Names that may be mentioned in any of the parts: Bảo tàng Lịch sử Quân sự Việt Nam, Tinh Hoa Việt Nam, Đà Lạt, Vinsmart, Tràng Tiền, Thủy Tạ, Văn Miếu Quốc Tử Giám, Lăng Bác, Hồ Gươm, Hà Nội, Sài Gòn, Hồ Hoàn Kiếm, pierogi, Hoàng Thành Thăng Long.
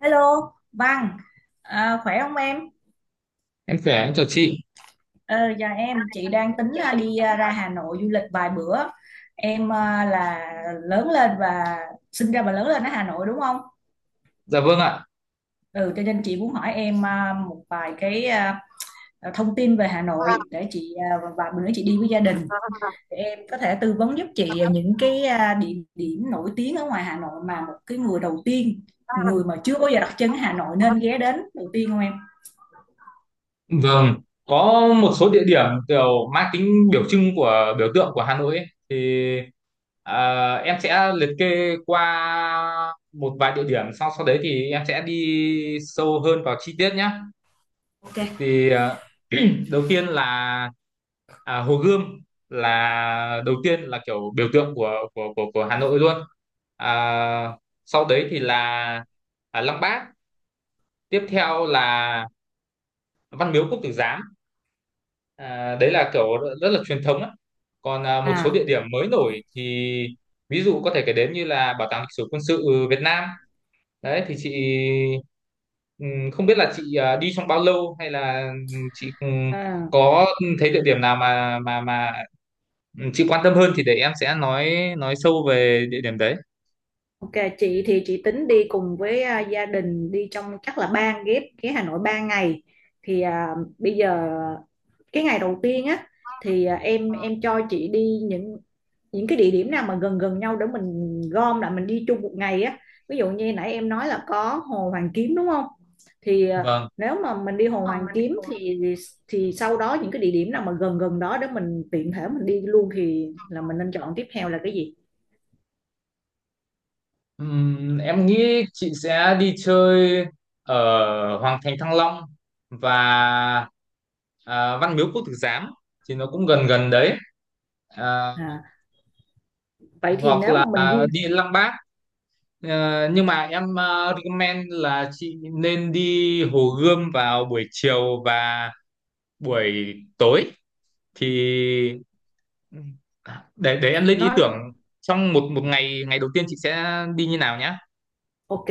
Hello, Văn, khỏe không em? Em khỏe, em chào chị. Ờ, dạ em, chị đang tính đi ra Hà Nội du lịch vài bữa. Em à, là lớn lên và sinh ra và lớn lên ở Hà Nội đúng không? Dạ vâng ạ. Ừ, cho nên chị muốn hỏi em một vài cái thông tin về Hà Nội để chị và bữa nữa chị đi với gia đình. Để em có thể tư vấn giúp chị những cái địa điểm nổi tiếng ở ngoài Hà Nội mà một cái người đầu tiên, người mà chưa bao giờ đặt chân ở Hà Nội nên ghé đến đầu tiên không em? Vâng, có một số địa điểm kiểu mang tính biểu trưng của biểu tượng của Hà Nội ấy, thì em sẽ liệt kê qua một vài địa điểm sau sau đấy thì em sẽ đi sâu hơn vào chi tiết nhé. Ok. Thì đầu tiên là Hồ Gươm là đầu tiên là kiểu biểu tượng của Hà Nội luôn. À, sau đấy thì là Lăng Bác, tiếp theo là Văn Miếu Quốc Tử Giám, đấy là kiểu rất là truyền thống á. Còn một số địa điểm mới nổi thì ví dụ có thể kể đến như là Bảo tàng Lịch sử Quân sự Việt Nam, đấy thì chị không biết là chị đi trong bao lâu, hay là chị À. có thấy địa điểm nào mà chị quan tâm hơn thì để em sẽ nói sâu về địa điểm đấy. Ok, chị tính đi cùng với gia đình đi trong chắc là ba ghép cái Hà Nội 3 ngày thì bây giờ cái ngày đầu tiên á thì em cho chị đi những cái địa điểm nào mà gần gần nhau để mình gom lại mình đi chung một ngày á, ví dụ như nãy em nói là có Hồ Hoàn Kiếm đúng không, thì Vâng. nếu mà mình đi Hồ Ờ, Hoàn Kiếm thì sau đó những cái địa điểm nào mà gần gần đó để mình tiện thể mình đi luôn thì là mình nên chọn tiếp theo là cái gì? Em nghĩ chị sẽ đi chơi ở Hoàng Thành Thăng Long và Văn Miếu Quốc Tử Giám thì nó cũng gần gần đấy. À, À, vậy thì hoặc nếu là mà mình di đi Lăng Bác. Nhưng mà em recommend là chị nên đi Hồ Gươm vào buổi chiều và buổi tối, thì để em lên ý nó tưởng trong một một ngày ngày đầu tiên chị sẽ đi như nào nhá. ok,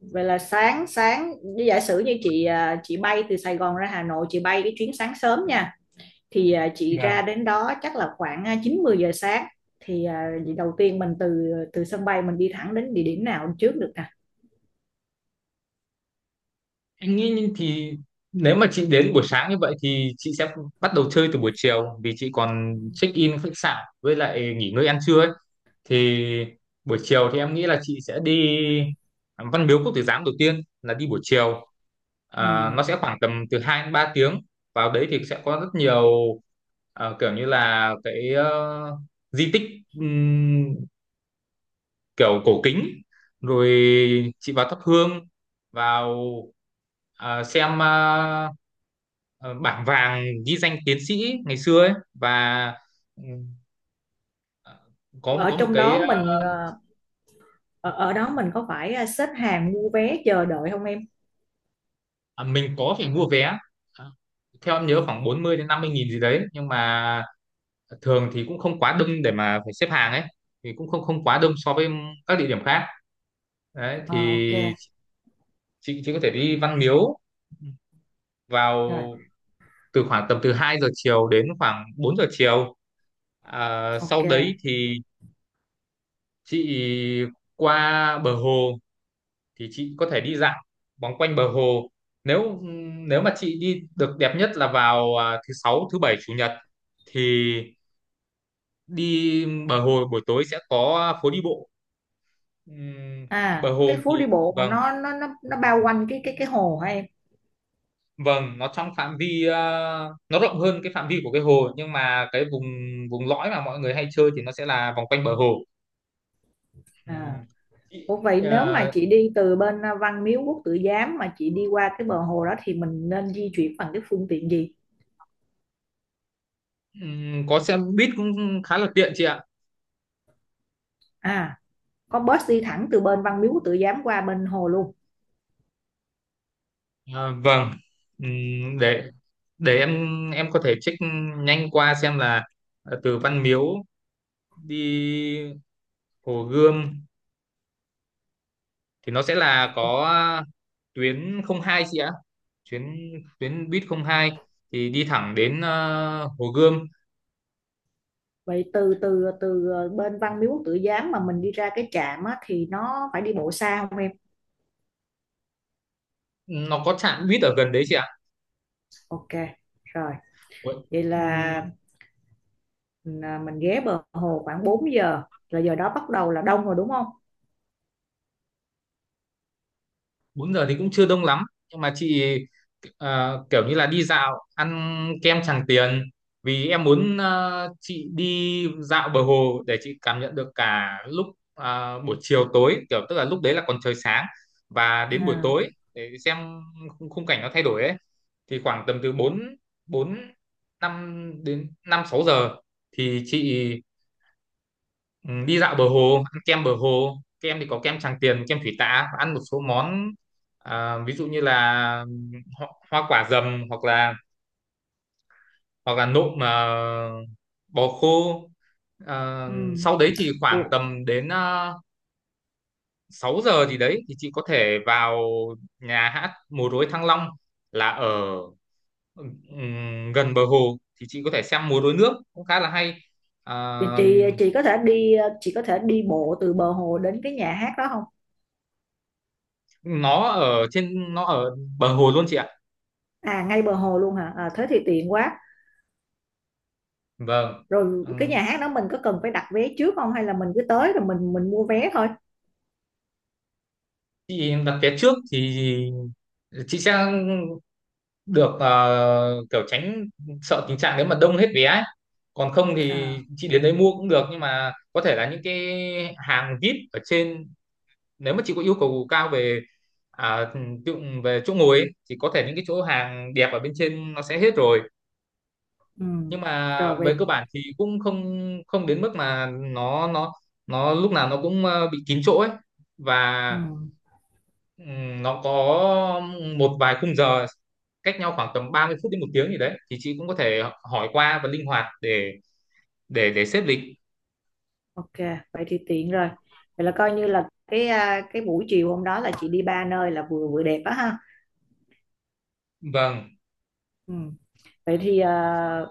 vậy là sáng sáng như giả sử như chị bay từ Sài Gòn ra Hà Nội, chị bay cái chuyến sáng sớm nha, thì chị ra đến đó chắc là khoảng 9 10 giờ sáng, thì vậy đầu tiên mình từ từ sân bay mình đi thẳng đến địa điểm nào trước được nè? Anh nghĩ thì nếu mà chị đến buổi sáng như vậy thì chị sẽ bắt đầu chơi từ buổi chiều vì chị còn check in khách sạn với lại nghỉ ngơi ăn trưa ấy. Thì buổi chiều thì em nghĩ là chị sẽ đi Văn Miếu Quốc Tử Giám đầu tiên, là đi buổi chiều. Ừ. Nó sẽ khoảng tầm từ 2 đến 3 tiếng. Vào đấy thì sẽ có rất nhiều kiểu như là cái di tích kiểu cổ kính, rồi chị vào thắp hương, vào xem bảng vàng ghi danh tiến sĩ ngày xưa ấy, và ừ, có ở có một trong cái, đó mình à, Ở, ở đó mình có phải xếp hàng mua vé chờ đợi không em? Mình có phải mua vé. À, theo em nhớ khoảng 40 đến 50 nghìn gì đấy, nhưng mà thường thì cũng không quá đông để mà phải xếp hàng ấy, thì cũng không không quá đông so với các địa điểm khác. Đấy Ờ, thì ok. chị có thể đi Văn Miếu Rồi. vào từ khoảng tầm từ 2 giờ chiều đến khoảng 4 giờ chiều. à, Ok. sau đấy thì chị qua bờ hồ, thì chị có thể đi dạo vòng quanh bờ hồ. Nếu nếu mà chị đi, được đẹp nhất là vào thứ sáu, thứ bảy, chủ nhật thì đi bờ hồ buổi tối sẽ có phố đi bộ. Ừm, bờ À, hồ cái thì, phố đi bộ mà vâng, nó bao quanh cái hồ hả em? vâng, nó trong phạm vi, nó rộng hơn cái phạm vi của cái hồ, nhưng mà cái vùng vùng lõi mà mọi người hay chơi thì nó sẽ là vòng quanh bờ hồ. Ừ. À. Chị Ủa vậy nếu mà chị đi từ bên Văn Miếu Quốc Tử Giám mà chị đi qua cái bờ hồ đó thì mình nên di chuyển bằng cái phương tiện gì? Có xe buýt cũng khá là tiện chị ạ. À, có bus đi thẳng từ bên Văn Miếu Quốc Tử Giám qua bên hồ luôn. Ờ, vâng. Ừm, để để em có thể check nhanh qua xem là từ Văn Miếu đi Hồ Gươm thì nó sẽ là Ủa, có tuyến không hai chị ạ. Tuyến tuyến buýt không hai thì đi thẳng đến Hồ Gươm. vậy từ từ từ à, bên Văn Miếu Quốc Tử Giám mà mình đi ra cái trạm á, thì nó phải đi bộ xa không em? Nó có trạm buýt ở gần đấy chị ạ. Ok, rồi. Ủa, Vậy là ừm, mình, à, mình ghé bờ hồ khoảng 4 giờ. Là giờ đó bắt đầu là đông rồi đúng không? 4 giờ thì cũng chưa đông lắm, nhưng mà chị kiểu như là đi dạo, ăn kem Tràng Tiền, vì em muốn chị đi dạo bờ hồ để chị cảm nhận được cả lúc buổi chiều tối, kiểu tức là lúc đấy là còn trời sáng và đến buổi À, tối để xem khung khung cảnh nó thay đổi ấy. Thì khoảng tầm từ 4 4 5 đến 5 6 giờ thì chị, ừ, đi dạo bờ hồ, ăn kem bờ hồ, kem thì có kem Tràng Tiền, kem Thủy Tạ, và ăn một số món, ví dụ như là, ừ, ho hoa quả dầm, hoặc là nộm mà bò khô. Ờ, ừ. sau đấy thì khoảng Ủa, tầm đến 6 giờ gì đấy thì chị có thể vào nhà hát múa rối Thăng Long, là ở gần bờ hồ, thì chị có thể xem múa rối nước cũng khá là hay. thì Ờ, chị có thể đi chị có thể đi bộ từ bờ hồ đến cái nhà hát đó không? nó ở bờ hồ luôn chị ạ. À ngay bờ hồ luôn hả? À, thế thì tiện quá. Vâng. Rồi Ừ, cái nhà hát đó mình có cần phải đặt vé trước không hay là mình cứ tới rồi mình mua vé thôi? chị đặt vé trước thì chị sẽ được kiểu tránh, sợ tình trạng nếu mà đông hết vé ấy. Còn không thì À chị đến đấy mua cũng được, nhưng mà có thể là những cái hàng VIP ở trên, nếu mà chị có yêu cầu cao à, tự, về chỗ ngồi ấy, thì có thể những cái chỗ hàng đẹp ở bên trên nó sẽ hết rồi. ừ. Nhưng mà Rồi vậy về cơ bản thì cũng không không đến mức mà nó lúc nào nó cũng bị kín chỗ ấy, ừ. và nó có một vài khung giờ cách nhau khoảng tầm 30 phút đến một tiếng gì đấy, thì chị cũng có thể hỏi qua và linh hoạt để để xếp lịch. Ok, vậy thì tiện rồi. Vậy là coi như là cái cái buổi chiều hôm đó là chị đi ba nơi là vừa vừa đẹp á ha. Vâng. Ừ. Vậy thì à,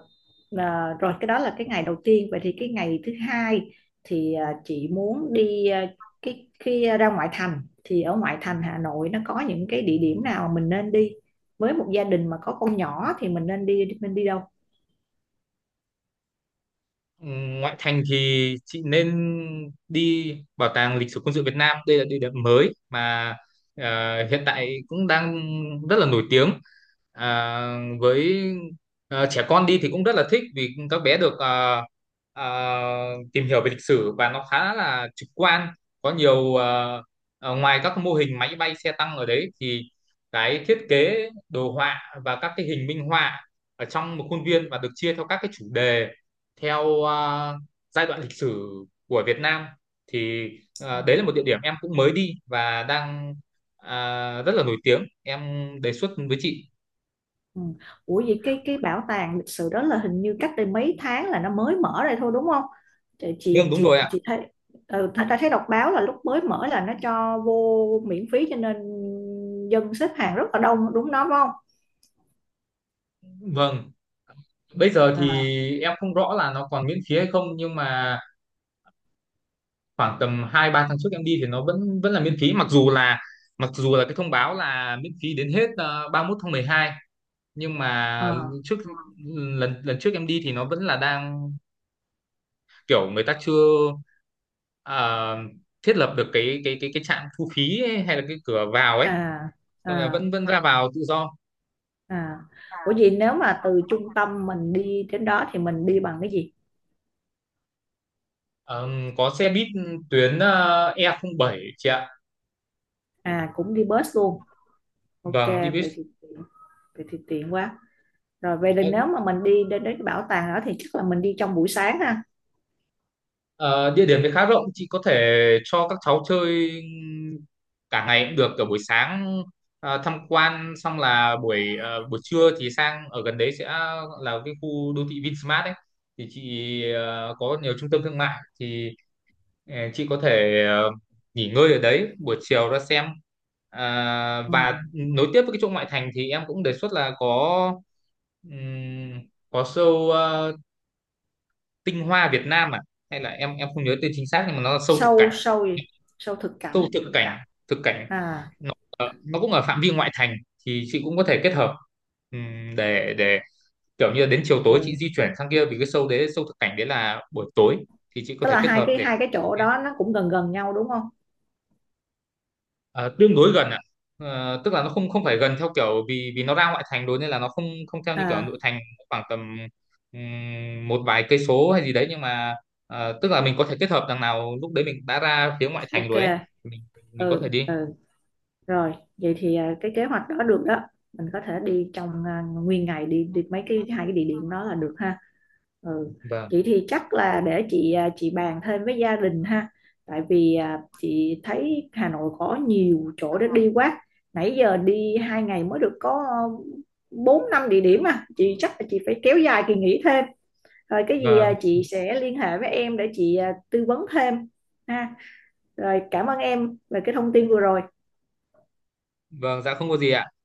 à, rồi cái đó là cái ngày đầu tiên, vậy thì cái ngày thứ hai thì chị muốn đi cái khi ra ngoại thành thì ở ngoại thành Hà Nội nó có những cái địa điểm nào mình nên đi với một gia đình mà có con nhỏ thì mình nên đi mình đi đâu? Ngoại thành thì chị nên đi Bảo tàng Lịch sử Quân sự Việt Nam. Đây là địa điểm mới mà hiện tại cũng đang rất là nổi tiếng. Với trẻ con đi thì cũng rất là thích, vì các bé được ờ, tìm hiểu về lịch sử và nó khá là trực quan. Có nhiều ngoài các mô hình máy bay, xe tăng ở đấy thì cái thiết kế đồ họa và các cái hình minh họa ở trong một khuôn viên và được chia theo các cái chủ đề, theo giai đoạn lịch sử của Việt Nam, thì đấy À. là một địa điểm em cũng mới đi và đang rất là nổi tiếng, em đề xuất với chị. Ừ. Ủa vậy cái bảo tàng lịch sử đó là hình như cách đây mấy tháng là nó mới mở ra thôi đúng không? Chị Vâng, chị đúng chị rồi chị, ạ. chị thấy ừ, ta thấy đọc báo là lúc mới mở là nó cho vô miễn phí, cho nên dân xếp hàng rất là đông đúng đó phải không? Vâng, bây giờ thì À em không rõ là nó còn miễn phí hay không, nhưng mà khoảng tầm hai ba tháng trước em đi thì nó vẫn vẫn là miễn phí, mặc dù là cái thông báo là miễn phí đến hết ba mươi 31 tháng 12. Nhưng mà à trước lần lần trước em đi thì nó vẫn là đang kiểu người ta chưa à, thiết lập được cái trạm thu phí ấy, hay là cái cửa vào ấy, à nên là à. vẫn vẫn ra vào tự do. à. Ủa vậy nếu mà từ trung tâm mình đi đến đó thì mình đi bằng cái gì? Ờ, có xe buýt tuyến e không bảy chị ạ. À cũng đi bus luôn. Ok Vâng, đi buýt. vậy thì tiện, vậy thì tiện quá. Rồi vậy thì Ờ, nếu mà mình đi đến đến cái bảo tàng đó thì chắc là mình đi trong buổi sáng ha. ờ, Địa điểm thì khá rộng, chị có thể cho các cháu chơi cả ngày cũng được, cả buổi sáng tham quan xong là buổi trưa thì sang ở gần đấy, sẽ là cái khu đô thị Vinsmart ấy, thì chị có nhiều trung tâm thương mại thì, chị có thể nghỉ ngơi ở đấy, buổi chiều ra xem, Ừ. và nối tiếp với cái chỗ ngoại thành thì em cũng đề xuất là ừm, có show Tinh Hoa Việt Nam, hay là, em không nhớ tên chính xác, nhưng mà nó là show thực sâu cảnh sâu gì Sâu thực show cảnh thực cảnh thực cảnh à. nó, nó cũng ở phạm vi ngoại thành, thì chị cũng có thể kết hợp. Để kiểu như là đến chiều tối chị Ừ. di chuyển sang kia, vì cái show đấy, show thực cảnh đấy là buổi tối, thì chị có Tức thể là kết hợp để. hai cái chỗ đó nó cũng gần gần nhau đúng không? Tương đối gần ạ. Tức là nó không không phải gần theo kiểu, vì vì nó ra ngoại thành rồi, nên là nó không không theo như kiểu À nội thành, khoảng tầm một vài cây số hay gì đấy, nhưng mà tức là mình có thể kết hợp, đằng nào lúc đấy mình đã ra phía ngoại thành ok. rồi ấy, mình mình có Ừ thể đi. ừ. Rồi, vậy thì cái kế hoạch đó được đó. Mình có thể đi trong nguyên ngày đi đi mấy cái hai cái địa điểm đó là được ha. Ừ. Vâng, Vậy thì chắc là để chị chị bàn thêm với gia đình ha. Tại vì chị thấy Hà Nội có nhiều chỗ để đi quá. Nãy giờ đi hai ngày mới được có bốn năm địa điểm à. Chị chắc là chị phải kéo dài kỳ nghỉ thêm. Rồi cái gì vâng. chị sẽ liên hệ với em để chị tư vấn thêm ha. Rồi cảm ơn em về cái thông tin vừa rồi. Vâng, dạ không có gì ạ.